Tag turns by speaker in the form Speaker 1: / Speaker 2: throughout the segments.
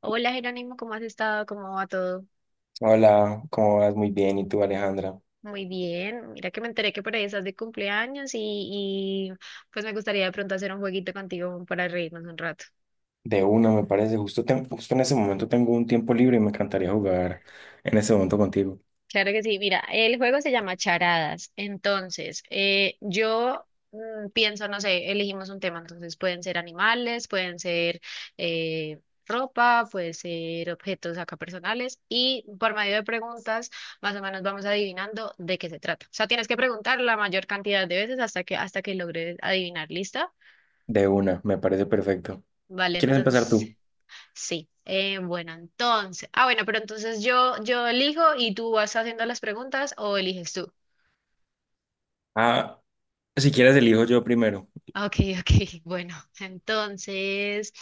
Speaker 1: Hola, Jerónimo, ¿cómo has estado? ¿Cómo va todo?
Speaker 2: Hola, ¿cómo vas? Muy bien. ¿Y tú, Alejandra?
Speaker 1: Muy bien. Mira que me enteré que por ahí estás de cumpleaños y pues me gustaría de pronto hacer un jueguito contigo para reírnos un rato.
Speaker 2: De una, me parece. Justo, justo en ese momento tengo un tiempo libre y me encantaría jugar en ese momento contigo.
Speaker 1: Claro que sí. Mira, el juego se llama Charadas. Entonces, pienso, no sé, elegimos un tema. Entonces, pueden ser animales, pueden ser eh, ropa, puede ser objetos acá personales. Y por medio de preguntas, más o menos vamos adivinando de qué se trata. O sea, tienes que preguntar la mayor cantidad de veces hasta que logres adivinar. ¿Lista?
Speaker 2: De una, me parece perfecto.
Speaker 1: Vale,
Speaker 2: ¿Quieres empezar
Speaker 1: entonces,
Speaker 2: tú?
Speaker 1: sí. Pero entonces yo elijo y tú vas haciendo las preguntas o eliges tú.
Speaker 2: Ah, si quieres, elijo yo primero.
Speaker 1: Ok, ok, bueno, entonces,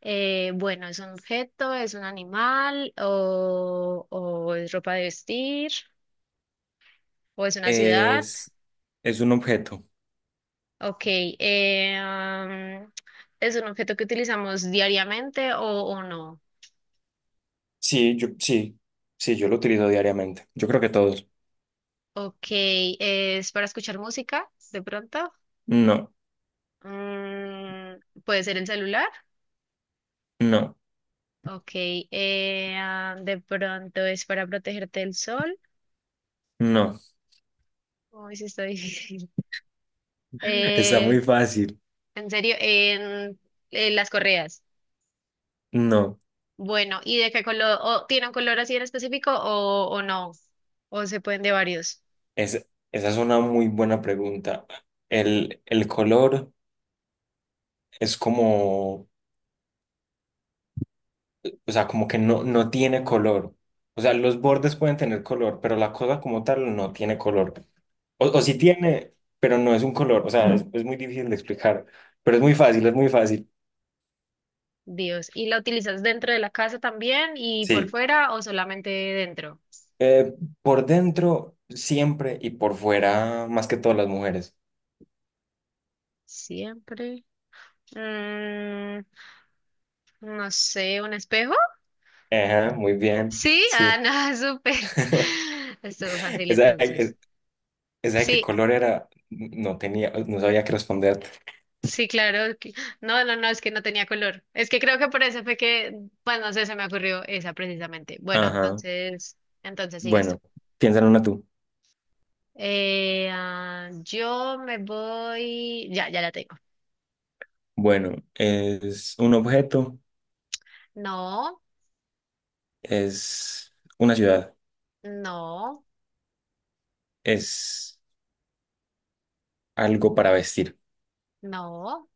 Speaker 1: bueno, ¿es un objeto, es un animal o es ropa de vestir o es una ciudad?
Speaker 2: Es, es un objeto.
Speaker 1: Ok, ¿es un objeto que utilizamos diariamente o no?
Speaker 2: Sí, yo, sí, sí, yo lo utilizo diariamente. Yo creo que todos.
Speaker 1: Ok, ¿es para escuchar música de pronto?
Speaker 2: No,
Speaker 1: Mm, ¿puede ser el celular?
Speaker 2: no,
Speaker 1: Ok, ¿de pronto es para protegerte del sol?
Speaker 2: no.
Speaker 1: Uy, sí está difícil.
Speaker 2: Está
Speaker 1: Eh,
Speaker 2: muy fácil.
Speaker 1: En serio, en, en las correas.
Speaker 2: No.
Speaker 1: Bueno, ¿y de qué color? O ¿tiene un color así en específico o no? ¿O se pueden de varios?
Speaker 2: Es, esa es una muy buena pregunta. El color es como... O sea, como que no, no tiene color. O sea, los bordes pueden tener color, pero la cosa como tal no tiene color. O sí
Speaker 1: Mm,
Speaker 2: tiene, pero no es un color. O sea, es muy difícil de explicar, pero es muy fácil, es muy fácil.
Speaker 1: Dios. ¿Y la utilizas dentro de la casa también y por
Speaker 2: Sí.
Speaker 1: fuera o solamente dentro?
Speaker 2: Eh, por dentro siempre y por fuera más que todas las mujeres.
Speaker 1: Siempre. Mm, no sé, ¿un espejo?
Speaker 2: Ajá, muy bien.
Speaker 1: Sí, ah,
Speaker 2: Sí.
Speaker 1: no, súper. Estuvo fácil
Speaker 2: Esa,
Speaker 1: entonces.
Speaker 2: esa de qué
Speaker 1: Sí,
Speaker 2: color era, no tenía, no sabía qué responder.
Speaker 1: sí, claro. Que No, es que no tenía color. Es que creo que por eso fue que, pues no sé, se me ocurrió esa precisamente. Bueno,
Speaker 2: Ajá.
Speaker 1: entonces, entonces sigues tú.
Speaker 2: Bueno, piensa en una tú.
Speaker 1: Yo me voy. Ya, ya la tengo.
Speaker 2: Bueno, es un objeto.
Speaker 1: No,
Speaker 2: Es una ciudad,
Speaker 1: no,
Speaker 2: es algo para vestir,
Speaker 1: no,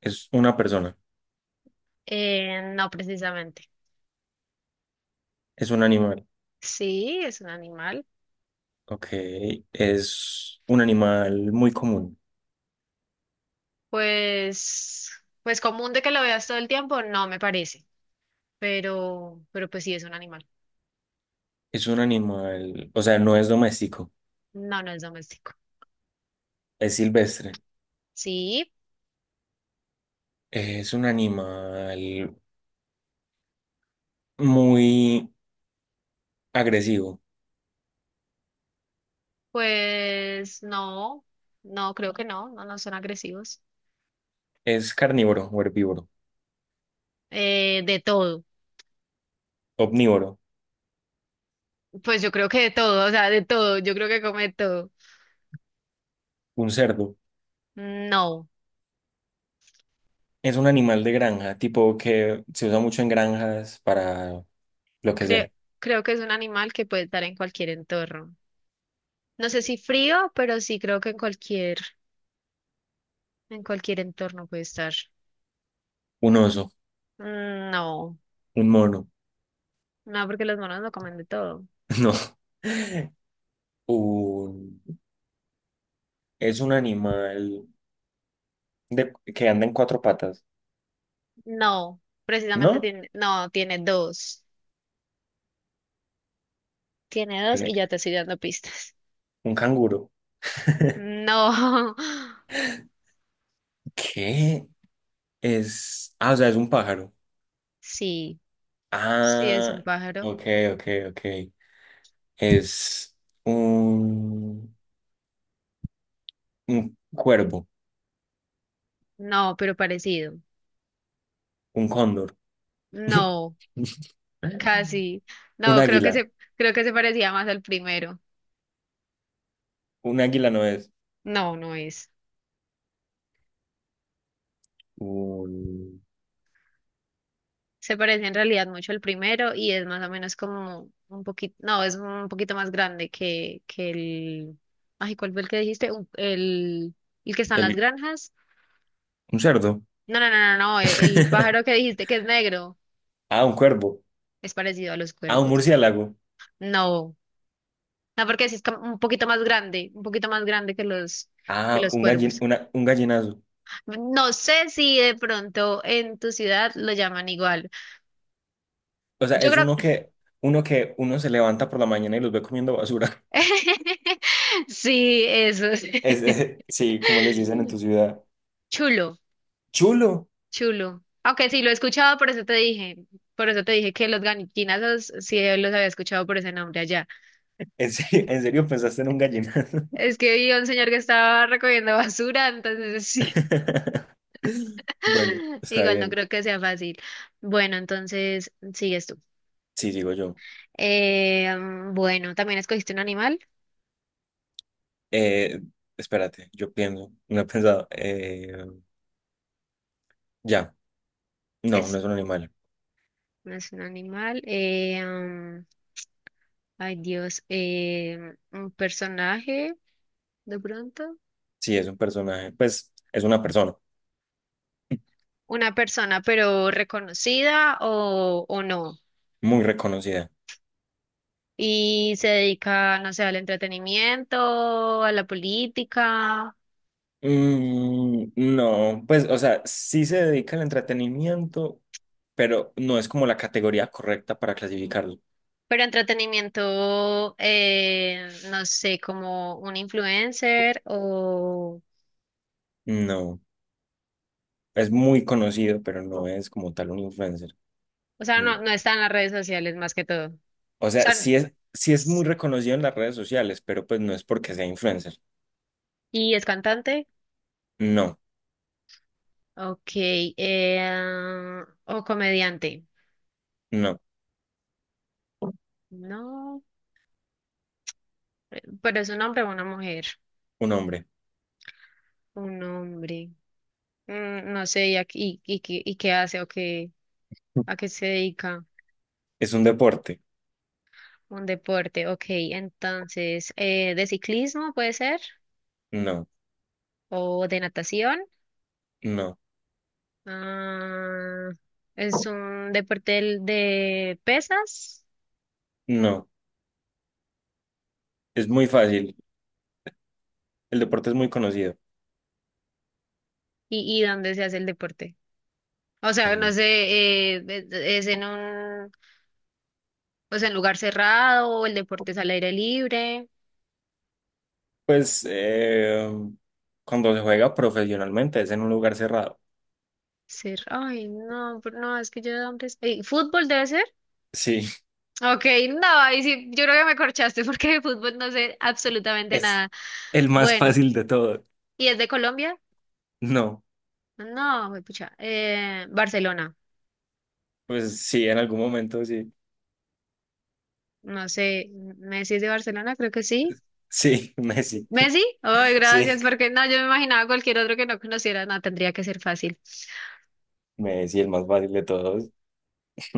Speaker 2: es una persona,
Speaker 1: no precisamente.
Speaker 2: es un animal,
Speaker 1: Sí, es un animal.
Speaker 2: ok, es un animal muy común,
Speaker 1: Pues, pues común de que lo veas todo el tiempo, no me parece. Pero pues sí es un animal.
Speaker 2: es un animal, o sea, no es doméstico,
Speaker 1: No, no es doméstico.
Speaker 2: es silvestre,
Speaker 1: Sí.
Speaker 2: es un animal muy agresivo,
Speaker 1: Pues no, no, creo que no, no, no son agresivos.
Speaker 2: es carnívoro o herbívoro,
Speaker 1: De todo,
Speaker 2: omnívoro,
Speaker 1: pues yo creo que de todo, o sea, de todo, yo creo que come de todo.
Speaker 2: un cerdo,
Speaker 1: No,
Speaker 2: es un animal de granja, tipo que se usa mucho en granjas para lo que
Speaker 1: creo,
Speaker 2: sea,
Speaker 1: creo que es un animal que puede estar en cualquier entorno. No sé si frío, pero sí creo que en cualquier entorno puede estar.
Speaker 2: un oso,
Speaker 1: Mm, no,
Speaker 2: un mono,
Speaker 1: no, porque los monos no comen de todo.
Speaker 2: no. Un, es un animal que anda en cuatro patas,
Speaker 1: No, precisamente
Speaker 2: ¿no?
Speaker 1: tiene, no, tiene dos
Speaker 2: En-
Speaker 1: y ya te estoy dando pistas.
Speaker 2: un canguro.
Speaker 1: No,
Speaker 2: ¿Qué? Es, ah, o sea, es un pájaro.
Speaker 1: sí. Sí, es un
Speaker 2: Ah,
Speaker 1: pájaro.
Speaker 2: ok, ok, ok. Es un, un cuervo,
Speaker 1: No, pero parecido.
Speaker 2: un cóndor.
Speaker 1: No, casi.
Speaker 2: Un
Speaker 1: No,
Speaker 2: águila.
Speaker 1: creo que se parecía más al primero.
Speaker 2: Un águila no es.
Speaker 1: No, no es.
Speaker 2: Un,
Speaker 1: Se parece en realidad mucho al primero y es más o menos como un poquito, no, es un poquito más grande que el, ay, ¿cuál fue el que dijiste? Un- el que está en las
Speaker 2: el-
Speaker 1: granjas.
Speaker 2: un cerdo.
Speaker 1: No, no, no, no, no, el pájaro que dijiste que es negro
Speaker 2: Ah, un cuervo.
Speaker 1: es parecido a los
Speaker 2: Ah, un
Speaker 1: cuervos. Sí.
Speaker 2: murciélago.
Speaker 1: No, no, porque sí es como un poquito más grande, un poquito más grande que
Speaker 2: Ah,
Speaker 1: los
Speaker 2: un
Speaker 1: cuervos.
Speaker 2: un gallinazo.
Speaker 1: No sé si de pronto en tu ciudad lo llaman igual.
Speaker 2: O sea,
Speaker 1: Yo creo
Speaker 2: uno que uno se levanta por la mañana y los ve comiendo basura.
Speaker 1: sí, eso es.
Speaker 2: Es, sí, como les dicen en tu ciudad.
Speaker 1: Chulo,
Speaker 2: Chulo.
Speaker 1: chulo. Aunque sí lo he escuchado, por eso te dije, por eso te dije que los ganiquinazos sí los había escuchado por ese nombre allá.
Speaker 2: En serio pensaste en un gallinazo?
Speaker 1: Es que vi a un señor que estaba recogiendo basura, entonces sí.
Speaker 2: Bueno, está
Speaker 1: Igual no
Speaker 2: bien.
Speaker 1: creo que sea fácil. Bueno, entonces sigues tú.
Speaker 2: Sí, digo yo.
Speaker 1: Bueno, también escogiste un animal.
Speaker 2: Eh, espérate, yo pienso. No he pensado. Ya. No, no
Speaker 1: Es,
Speaker 2: es un animal.
Speaker 1: no es un animal. Ay, Dios, un personaje, de pronto,
Speaker 2: Sí, es un personaje. Pues es una persona
Speaker 1: una persona, pero reconocida o no.
Speaker 2: muy reconocida.
Speaker 1: Y se dedica, no sé, al entretenimiento, a la política,
Speaker 2: Mm, no, pues, o sea, sí se dedica al entretenimiento, pero no es como la categoría correcta para clasificarlo.
Speaker 1: pero entretenimiento, no sé, como un influencer
Speaker 2: No, es muy conocido, pero no es como tal un influencer.
Speaker 1: o sea,
Speaker 2: Mm.
Speaker 1: no, no está en las redes sociales más que todo. O
Speaker 2: O sea,
Speaker 1: sea,
Speaker 2: sí es muy reconocido en las redes sociales, pero pues no es porque sea influencer.
Speaker 1: y es cantante,
Speaker 2: No,
Speaker 1: ok, o comediante.
Speaker 2: no,
Speaker 1: No. Pero es un hombre o una mujer.
Speaker 2: un hombre.
Speaker 1: Un hombre. Mm, no sé, ¿y, a- y, y qué hace o qué, a qué se dedica?
Speaker 2: ¿Es un deporte?
Speaker 1: Un deporte, ok. Entonces, ¿de ciclismo puede ser?
Speaker 2: No,
Speaker 1: ¿O de natación?
Speaker 2: no,
Speaker 1: Ah, es un deporte del- de pesas.
Speaker 2: no. Es muy fácil. El deporte es muy conocido.
Speaker 1: Y dónde se hace el deporte? O sea, no
Speaker 2: En-
Speaker 1: sé, es en un, o sea, en lugar cerrado, o el deporte es al aire libre.
Speaker 2: Pues cuando se juega profesionalmente es en un lugar cerrado.
Speaker 1: Ser, ay, no, pero no, es que yo de hombres. Ey, ¿fútbol debe ser?
Speaker 2: Sí,
Speaker 1: Ok, no, ahí sí, yo creo que me corchaste porque de fútbol no sé absolutamente
Speaker 2: es
Speaker 1: nada.
Speaker 2: el más
Speaker 1: Bueno,
Speaker 2: fácil de todo.
Speaker 1: ¿y es de Colombia?
Speaker 2: No,
Speaker 1: No, güey, pucha. Barcelona,
Speaker 2: pues sí, en algún momento sí.
Speaker 1: no sé, ¿Messi es de Barcelona? Creo que sí.
Speaker 2: Sí, Messi.
Speaker 1: ¿Messi? Ay,
Speaker 2: Sí,
Speaker 1: gracias, porque no, yo me imaginaba cualquier otro que no conociera, no, tendría que ser fácil.
Speaker 2: Messi, el más fácil de todos.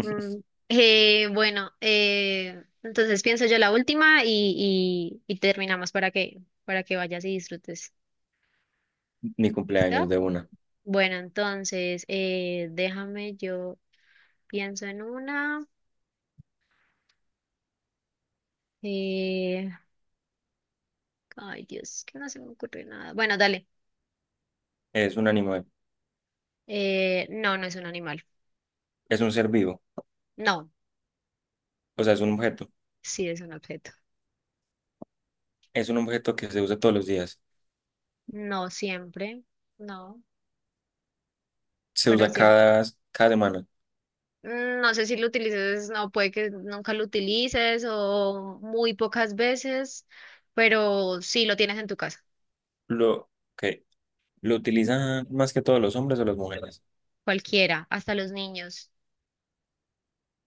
Speaker 1: Mm, bueno, entonces pienso yo la última y terminamos para que vayas y disfrutes.
Speaker 2: Mi cumpleaños
Speaker 1: ¿Listo?
Speaker 2: de una.
Speaker 1: Bueno, entonces, déjame, yo pienso en una. Eh, ay, Dios, que no se me ocurre nada. Bueno, dale.
Speaker 2: Es un animal,
Speaker 1: No, no es un animal.
Speaker 2: es un ser vivo,
Speaker 1: No,
Speaker 2: o sea, es un objeto.
Speaker 1: sí es un objeto.
Speaker 2: Es un objeto que se usa todos los días.
Speaker 1: No siempre. No,
Speaker 2: Se
Speaker 1: para
Speaker 2: usa
Speaker 1: cierto.
Speaker 2: cada semana.
Speaker 1: No sé si lo utilices, no, puede que nunca lo utilices o muy pocas veces, pero sí lo tienes en tu casa.
Speaker 2: Lo que lo utilizan más que todos los hombres o las mujeres,
Speaker 1: Cualquiera, hasta los niños.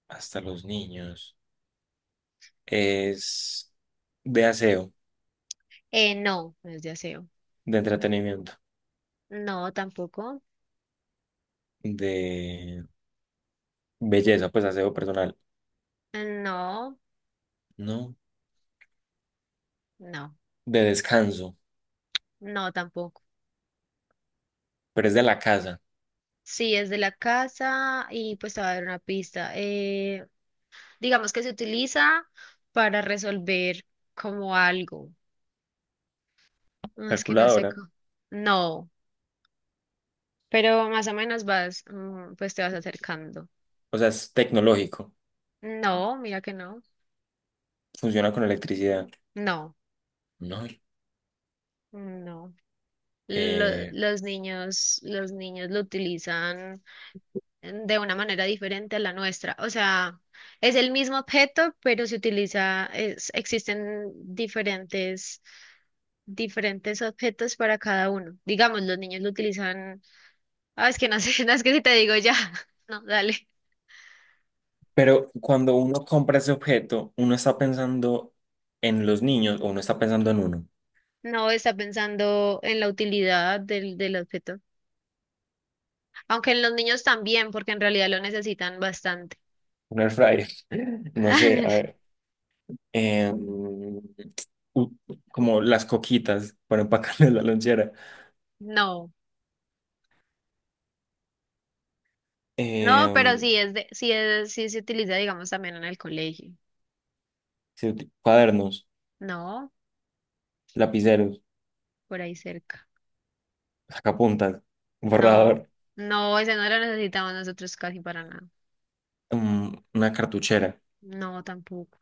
Speaker 2: hasta los niños. Es de aseo,
Speaker 1: No, no es de aseo.
Speaker 2: de entretenimiento,
Speaker 1: No, tampoco.
Speaker 2: de belleza, pues aseo personal.
Speaker 1: No,
Speaker 2: No.
Speaker 1: no.
Speaker 2: De descanso,
Speaker 1: No, tampoco.
Speaker 2: pero es de la casa.
Speaker 1: Sí, es de la casa y pues te va a dar una pista. Digamos que se utiliza para resolver como algo. No, es que no sé
Speaker 2: Calculadora,
Speaker 1: cómo. No, pero más o menos vas, mm, pues te vas acercando.
Speaker 2: o sea, es tecnológico,
Speaker 1: No, mira que no.
Speaker 2: funciona con electricidad.
Speaker 1: No,
Speaker 2: No,
Speaker 1: no. Lo-
Speaker 2: eh,
Speaker 1: los niños lo utilizan de una manera diferente a la nuestra. O sea, es el mismo objeto, pero se utiliza, es- existen diferentes, diferentes objetos para cada uno. Digamos, los niños lo utilizan, ah, es que no sé, no, es que si te digo ya, no, dale.
Speaker 2: pero cuando uno compra ese objeto, uno está pensando en los niños o uno está pensando en uno.
Speaker 1: No está pensando en la utilidad del, del objeto. Aunque en los niños también, porque en realidad lo necesitan bastante.
Speaker 2: Un air fryer. No sé, a ver. eh, u- como las coquitas para empacarle la lonchera.
Speaker 1: No, no, pero
Speaker 2: eh,
Speaker 1: sí es de, sí es, sí se utiliza, digamos, también en el colegio.
Speaker 2: cuadernos,
Speaker 1: No,
Speaker 2: lapiceros,
Speaker 1: por ahí cerca.
Speaker 2: sacapuntas,
Speaker 1: No,
Speaker 2: borrador,
Speaker 1: no, ese no lo necesitamos nosotros casi para nada.
Speaker 2: mm, una cartuchera.
Speaker 1: No, tampoco.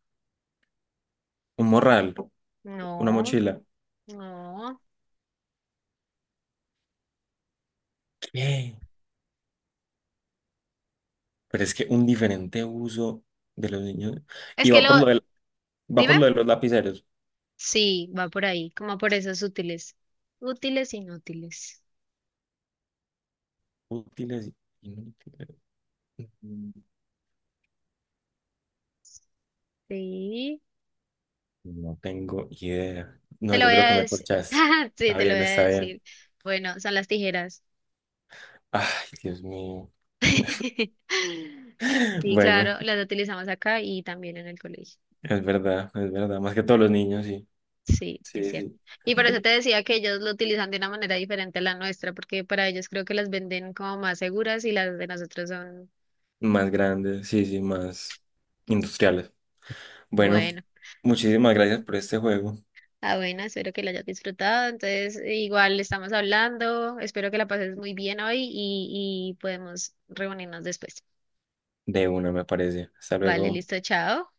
Speaker 2: Un morral, una
Speaker 1: No,
Speaker 2: mochila.
Speaker 1: no.
Speaker 2: ¿Qué? Pero es que un diferente uso de los niños.
Speaker 1: Es
Speaker 2: Y
Speaker 1: que lo,
Speaker 2: va
Speaker 1: dime.
Speaker 2: por lo de los lapiceros.
Speaker 1: Sí, va por ahí, como por esos útiles. Útiles, inútiles.
Speaker 2: Útiles y inútiles. Mm,
Speaker 1: Sí,
Speaker 2: no tengo idea.
Speaker 1: te
Speaker 2: No,
Speaker 1: lo
Speaker 2: yo
Speaker 1: voy
Speaker 2: creo
Speaker 1: a
Speaker 2: que me
Speaker 1: decir.
Speaker 2: corchaste.
Speaker 1: Sí,
Speaker 2: Está
Speaker 1: te lo
Speaker 2: bien,
Speaker 1: voy a
Speaker 2: está bien.
Speaker 1: decir. Bueno, son las tijeras.
Speaker 2: Ay, Dios mío.
Speaker 1: Sí,
Speaker 2: Bueno,
Speaker 1: claro, las utilizamos acá y también en el colegio.
Speaker 2: es verdad, es verdad. Más que todos los niños, sí.
Speaker 1: Sí, es
Speaker 2: Sí,
Speaker 1: cierto.
Speaker 2: sí.
Speaker 1: Y por eso te decía que ellos lo utilizan de una manera diferente a la nuestra, porque para ellos creo que las venden como más seguras y las de nosotros son,
Speaker 2: Más grandes, sí, sí, más industriales. Bueno,
Speaker 1: bueno,
Speaker 2: muchísimas gracias por este juego.
Speaker 1: ah, bueno, espero que la hayas disfrutado. Entonces, igual estamos hablando, espero que la pases muy bien hoy y podemos reunirnos después.
Speaker 2: De una, me parece. Hasta
Speaker 1: Vale,
Speaker 2: luego.
Speaker 1: listo, chao.